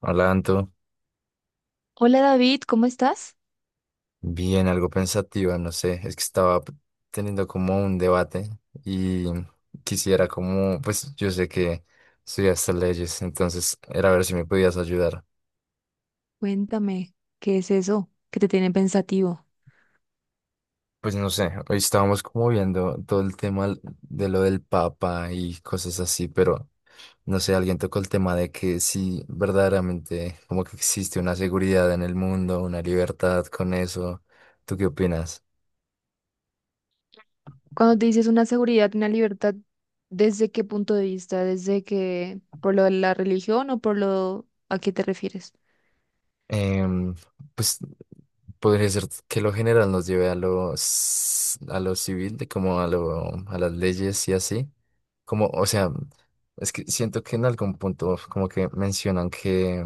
Hola, Anto. Hola David, ¿cómo estás? Bien, algo pensativa, no sé. Es que estaba teniendo como un debate y quisiera como, pues yo sé que estudiaste leyes, entonces era ver si me podías ayudar. Cuéntame, ¿qué es eso que te tiene pensativo? Pues no sé, hoy estábamos como viendo todo el tema de lo del Papa y cosas así, pero no sé, alguien tocó el tema de que si verdaderamente como que existe una seguridad en el mundo, una libertad con eso. ¿Tú qué opinas? Cuando te dices una seguridad, una libertad, ¿desde qué punto de vista? ¿Desde que por lo de la religión o por lo a qué te refieres? Em, pues podría ser que lo general nos lleve a los a lo civil, de como a lo, a las leyes y así. Como, o sea, es que siento que en algún punto como que mencionan que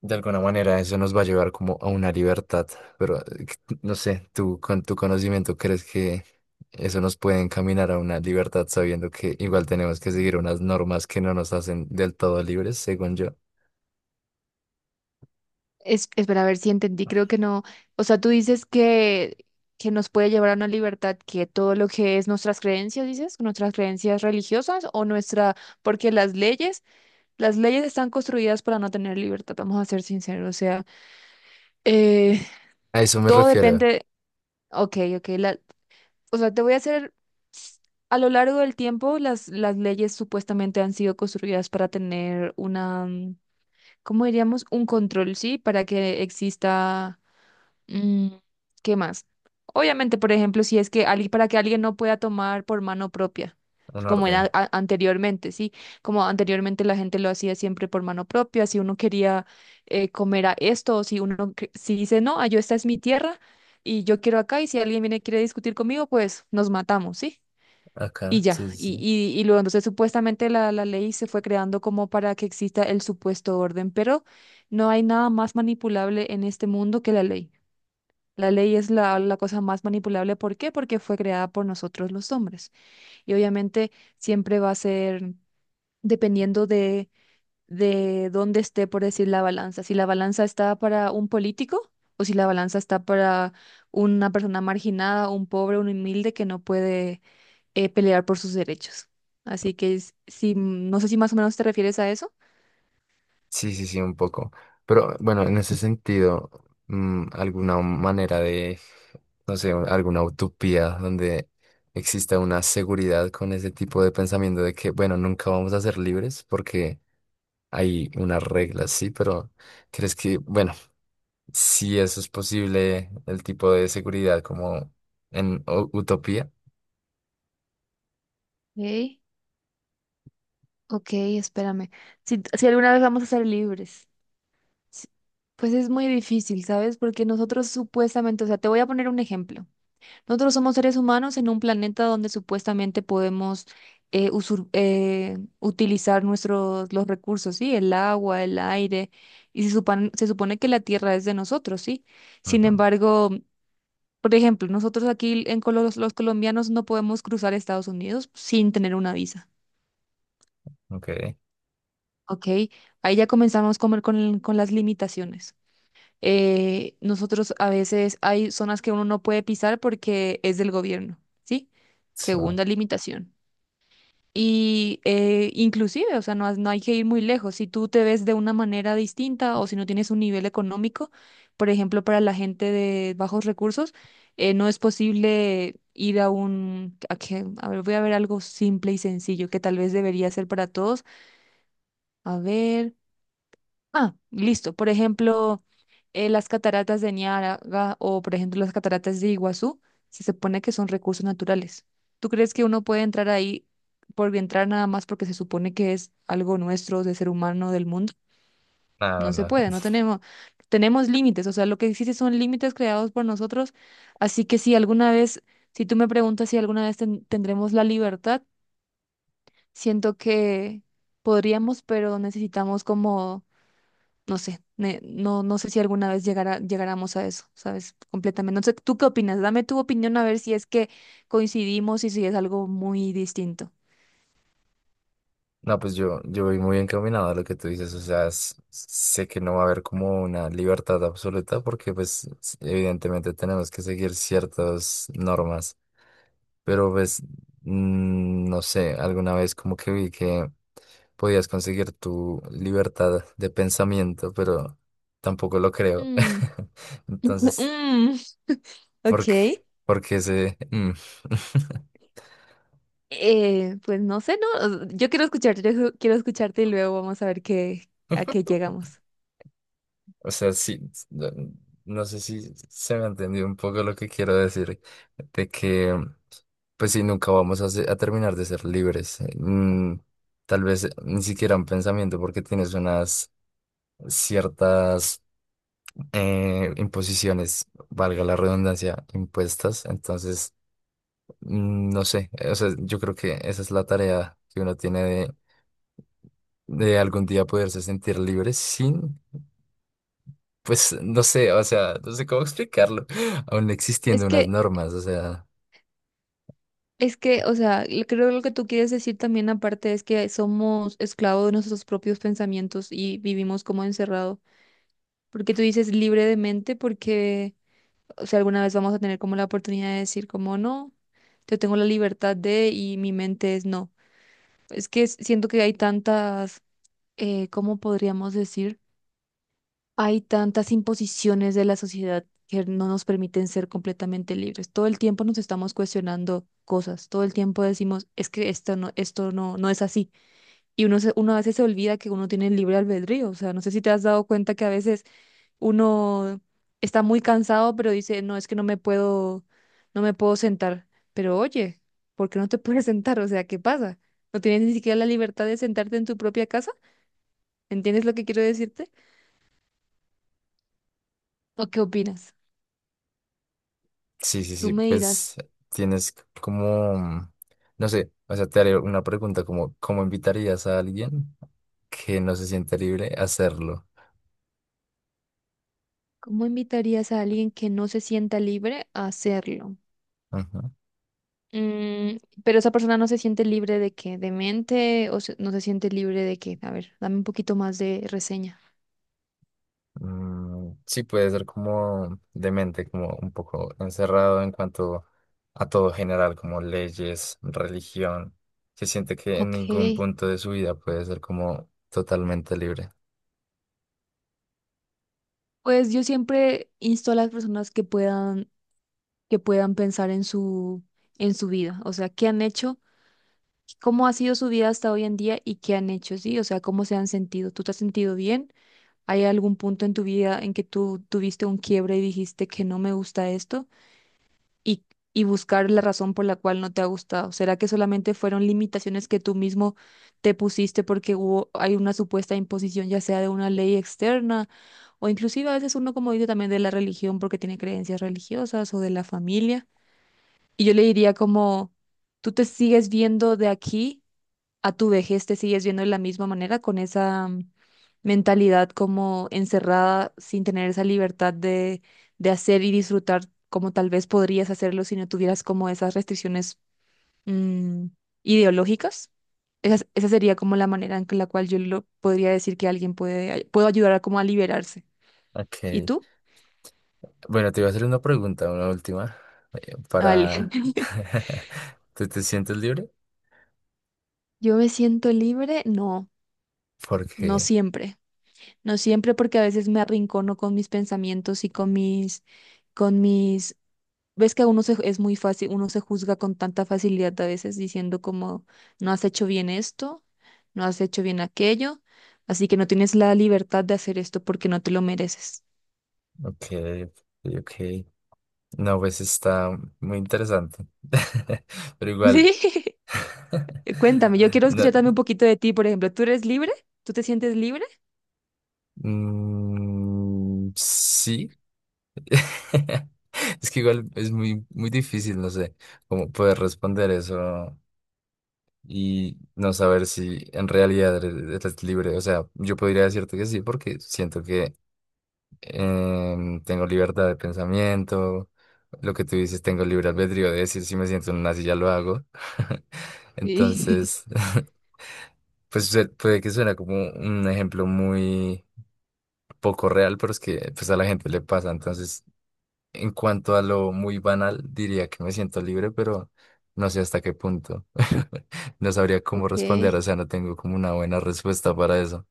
de alguna manera eso nos va a llevar como a una libertad, pero no sé, tú con tu conocimiento crees que eso nos puede encaminar a una libertad sabiendo que igual tenemos que seguir unas normas que no nos hacen del todo libres, según yo. Espera, a ver si entendí, creo que no. O sea, tú dices que nos puede llevar a una libertad que todo lo que es nuestras creencias, dices, nuestras creencias religiosas o nuestra, porque las leyes están construidas para no tener libertad, vamos a ser sinceros, o sea, eh, A eso me todo refiero, depende. Ok, ok. La, o sea, te voy a hacer, a lo largo del tiempo, las leyes supuestamente han sido construidas para tener una, ¿cómo diríamos? Un control, ¿sí? Para que exista. Mm, ¿qué más? Obviamente, por ejemplo, si es que alguien, para que alguien no pueda tomar por mano propia, un como era orden. Anteriormente, ¿sí? Como anteriormente la gente lo hacía siempre por mano propia, si uno quería comer a esto, o si uno, si dice, no, ah, yo esta es mi tierra y yo quiero acá, y si alguien viene y quiere discutir conmigo, pues nos matamos, ¿sí? Y Acá, ya, sí, sí, y, sí. y, y luego entonces supuestamente la ley se fue creando como para que exista el supuesto orden, pero no hay nada más manipulable en este mundo que la ley. La ley es la cosa más manipulable. ¿Por qué? Porque fue creada por nosotros los hombres. Y obviamente siempre va a ser dependiendo de dónde esté, por decir, la balanza. Si la balanza está para un político o si la balanza está para una persona marginada, un pobre, un humilde que no puede pelear por sus derechos. Así que si, no sé si más o menos te refieres a eso. Sí, sí, sí, un poco. Pero bueno, en ese sentido, alguna manera de, no sé, alguna utopía donde exista una seguridad con ese tipo de pensamiento de que, bueno, nunca vamos a ser libres porque hay unas reglas, sí, pero ¿crees que, bueno, si eso es posible, el tipo de seguridad como en utopía? Ok, ok, espérame. Si, si alguna vez vamos a ser libres. S- Pues es muy difícil, ¿sabes? Porque nosotros supuestamente, o sea, te voy a poner un ejemplo. Nosotros somos seres humanos en un planeta donde supuestamente podemos utilizar nuestros los recursos, ¿sí? El agua, el aire, y se supone que la tierra es de nosotros, ¿sí? Sin Ujú. embargo, por ejemplo, nosotros aquí en los colombianos no podemos cruzar Estados Unidos sin tener una visa, Ok, ¿ok? Ahí ya comenzamos con, con las limitaciones. Nosotros a veces hay zonas que uno no puede pisar porque es del gobierno, ¿sí? sí. Segunda limitación. Y inclusive, o sea, no, no hay que ir muy lejos. Si tú te ves de una manera distinta o si no tienes un nivel económico, por ejemplo, para la gente de bajos recursos, no es posible ir a un... A, a ver, voy a ver algo simple y sencillo que tal vez debería ser para todos. A ver. Ah, listo. Por ejemplo, las cataratas de Niágara o, por ejemplo, las cataratas de Iguazú, se supone que son recursos naturales. ¿Tú crees que uno puede entrar ahí por entrar nada más porque se supone que es algo nuestro, de ser humano, del mundo? No, No se no. puede, no tenemos, tenemos límites. O sea, lo que existe son límites creados por nosotros. Así que si alguna vez, si tú me preguntas si alguna vez tendremos la libertad, siento que podríamos, pero necesitamos como no sé, no sé si alguna vez llegara, llegáramos a eso, ¿sabes? Completamente. No sé, ¿tú qué opinas? Dame tu opinión a ver si es que coincidimos y si es algo muy distinto. No, pues yo voy muy encaminado a lo que tú dices, o sea, sé que no va a haber como una libertad absoluta porque pues evidentemente tenemos que seguir ciertas normas, pero pues no sé, alguna vez como que vi que podías conseguir tu libertad de pensamiento, pero tampoco lo creo. Mm, Entonces, mm, ¿por ok. qué? Porque ese... Pues no sé, ¿no? Yo quiero escucharte, quiero escucharte y luego vamos a ver qué, a qué llegamos. O sea, sí, no, no sé si se me ha entendido un poco lo que quiero decir, de que, pues sí, nunca vamos a, a terminar de ser libres. Tal vez ni siquiera un pensamiento, porque tienes unas ciertas imposiciones, valga la redundancia, impuestas. Entonces, no sé, o sea, yo creo que esa es la tarea que uno tiene de algún día poderse sentir libre sin... Pues no sé, o sea, no sé cómo explicarlo, aún Es existiendo unas que, normas, o sea, o sea, creo que lo que tú quieres decir también aparte es que somos esclavos de nuestros propios pensamientos y vivimos como encerrado. Porque tú dices libre de mente, porque si alguna vez vamos a tener como la oportunidad de decir como no, yo tengo la libertad de y mi mente es no. Es que siento que hay tantas, ¿cómo podríamos decir? Hay tantas imposiciones de la sociedad que no nos permiten ser completamente libres. Todo el tiempo nos estamos cuestionando cosas, todo el tiempo decimos, es que esto no, no es así. Y uno, uno a veces se olvida que uno tiene libre albedrío. O sea, no sé si te has dado cuenta que a veces uno está muy cansado, pero dice, no, es que no me puedo, no me puedo sentar. Pero oye, ¿por qué no te puedes sentar? O sea, ¿qué pasa? ¿No tienes ni siquiera la libertad de sentarte en tu propia casa? ¿Entiendes lo que quiero decirte? ¿O qué opinas? sí, sí, Tú sí, me dirás, pues tienes como, no sé, o sea, te haré una pregunta como, ¿cómo invitarías a alguien que no se siente libre a hacerlo? ¿cómo invitarías a alguien que no se sienta libre a hacerlo? Ajá. Mm, pero esa persona no se siente libre de qué, de mente o no se siente libre de qué. A ver, dame un poquito más de reseña. Sí, puede ser como demente, como un poco encerrado en cuanto a todo general, como leyes, religión, se siente que en Ok. ningún punto de su vida puede ser como totalmente libre. Pues yo siempre insto a las personas que puedan pensar en su vida, o sea, qué han hecho, cómo ha sido su vida hasta hoy en día y qué han hecho, sí, o sea, cómo se han sentido. ¿Tú te has sentido bien? ¿Hay algún punto en tu vida en que tú tuviste un quiebre y dijiste que no me gusta esto? Y, y buscar la razón por la cual no te ha gustado. ¿Será que solamente fueron limitaciones que tú mismo te pusiste porque hubo, hay una supuesta imposición, ya sea de una ley externa? O inclusive a veces uno, como dice, también de la religión porque tiene creencias religiosas o de la familia. Y yo le diría como, tú te sigues viendo de aquí a tu vejez, te sigues viendo de la misma manera, con esa mentalidad como encerrada, sin tener esa libertad de hacer y disfrutar como tal vez podrías hacerlo si no tuvieras como esas restricciones mm, ideológicas. Esa sería como la manera la cual yo lo podría decir que alguien puede, puedo ayudar a como a liberarse. ¿Y Ok. tú? Bueno, te voy a hacer una pregunta, una última, Vale. para... ¿Te sientes libre? Yo me siento libre, no, no Porque, siempre. No siempre, porque a veces me arrincono con mis pensamientos y con mis, ves que uno se, es muy fácil, uno se juzga con tanta facilidad a veces diciendo como, no has hecho bien esto, no has hecho bien aquello, así que no tienes la libertad de hacer esto porque no te lo mereces. ok, ok, ok. No, pues está muy interesante. Pero igual... Sí. Cuéntame, yo quiero No, escuchar también un poquito de ti, por ejemplo, ¿tú eres libre? ¿Tú te sientes libre? Sí. Es que igual es muy, muy difícil, no sé, cómo poder responder eso y no saber si en realidad eres libre. O sea, yo podría decirte que sí, porque siento que tengo libertad de pensamiento, lo que tú dices, tengo libre albedrío de decir si me siento en una silla lo hago. Sí. Entonces, pues puede que suene como un ejemplo muy poco real, pero es que pues a la gente le pasa. Entonces, en cuanto a lo muy banal, diría que me siento libre, pero no sé hasta qué punto. No sabría cómo Ok, responder, o sea, no tengo como una buena respuesta para eso.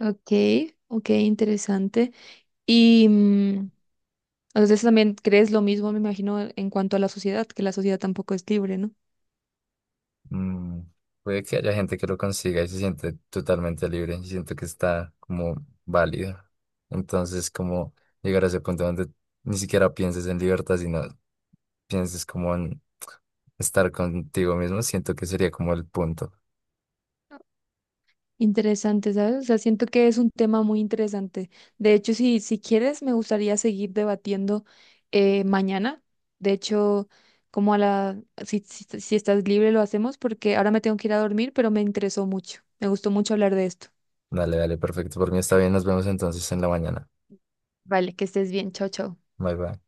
ok, ok, interesante. Y, entonces también crees lo mismo, me imagino, en cuanto a la sociedad, que la sociedad tampoco es libre, ¿no? Mm, Puede que haya gente que lo consiga y se siente totalmente libre y siento que está como válido. Entonces, como llegar a ese punto donde ni siquiera pienses en libertad, sino pienses como en estar contigo mismo, siento que sería como el punto. Interesante, ¿sabes? O sea, siento que es un tema muy interesante. De hecho, si, si quieres, me gustaría seguir debatiendo mañana. De hecho, como a la, si, si, si estás libre, lo hacemos porque ahora me tengo que ir a dormir, pero me interesó mucho. Me gustó mucho hablar de esto. Dale, dale, perfecto. Por mí está bien, nos vemos entonces en la mañana. Vale, que estés bien. Chao, chao. Bye, bye.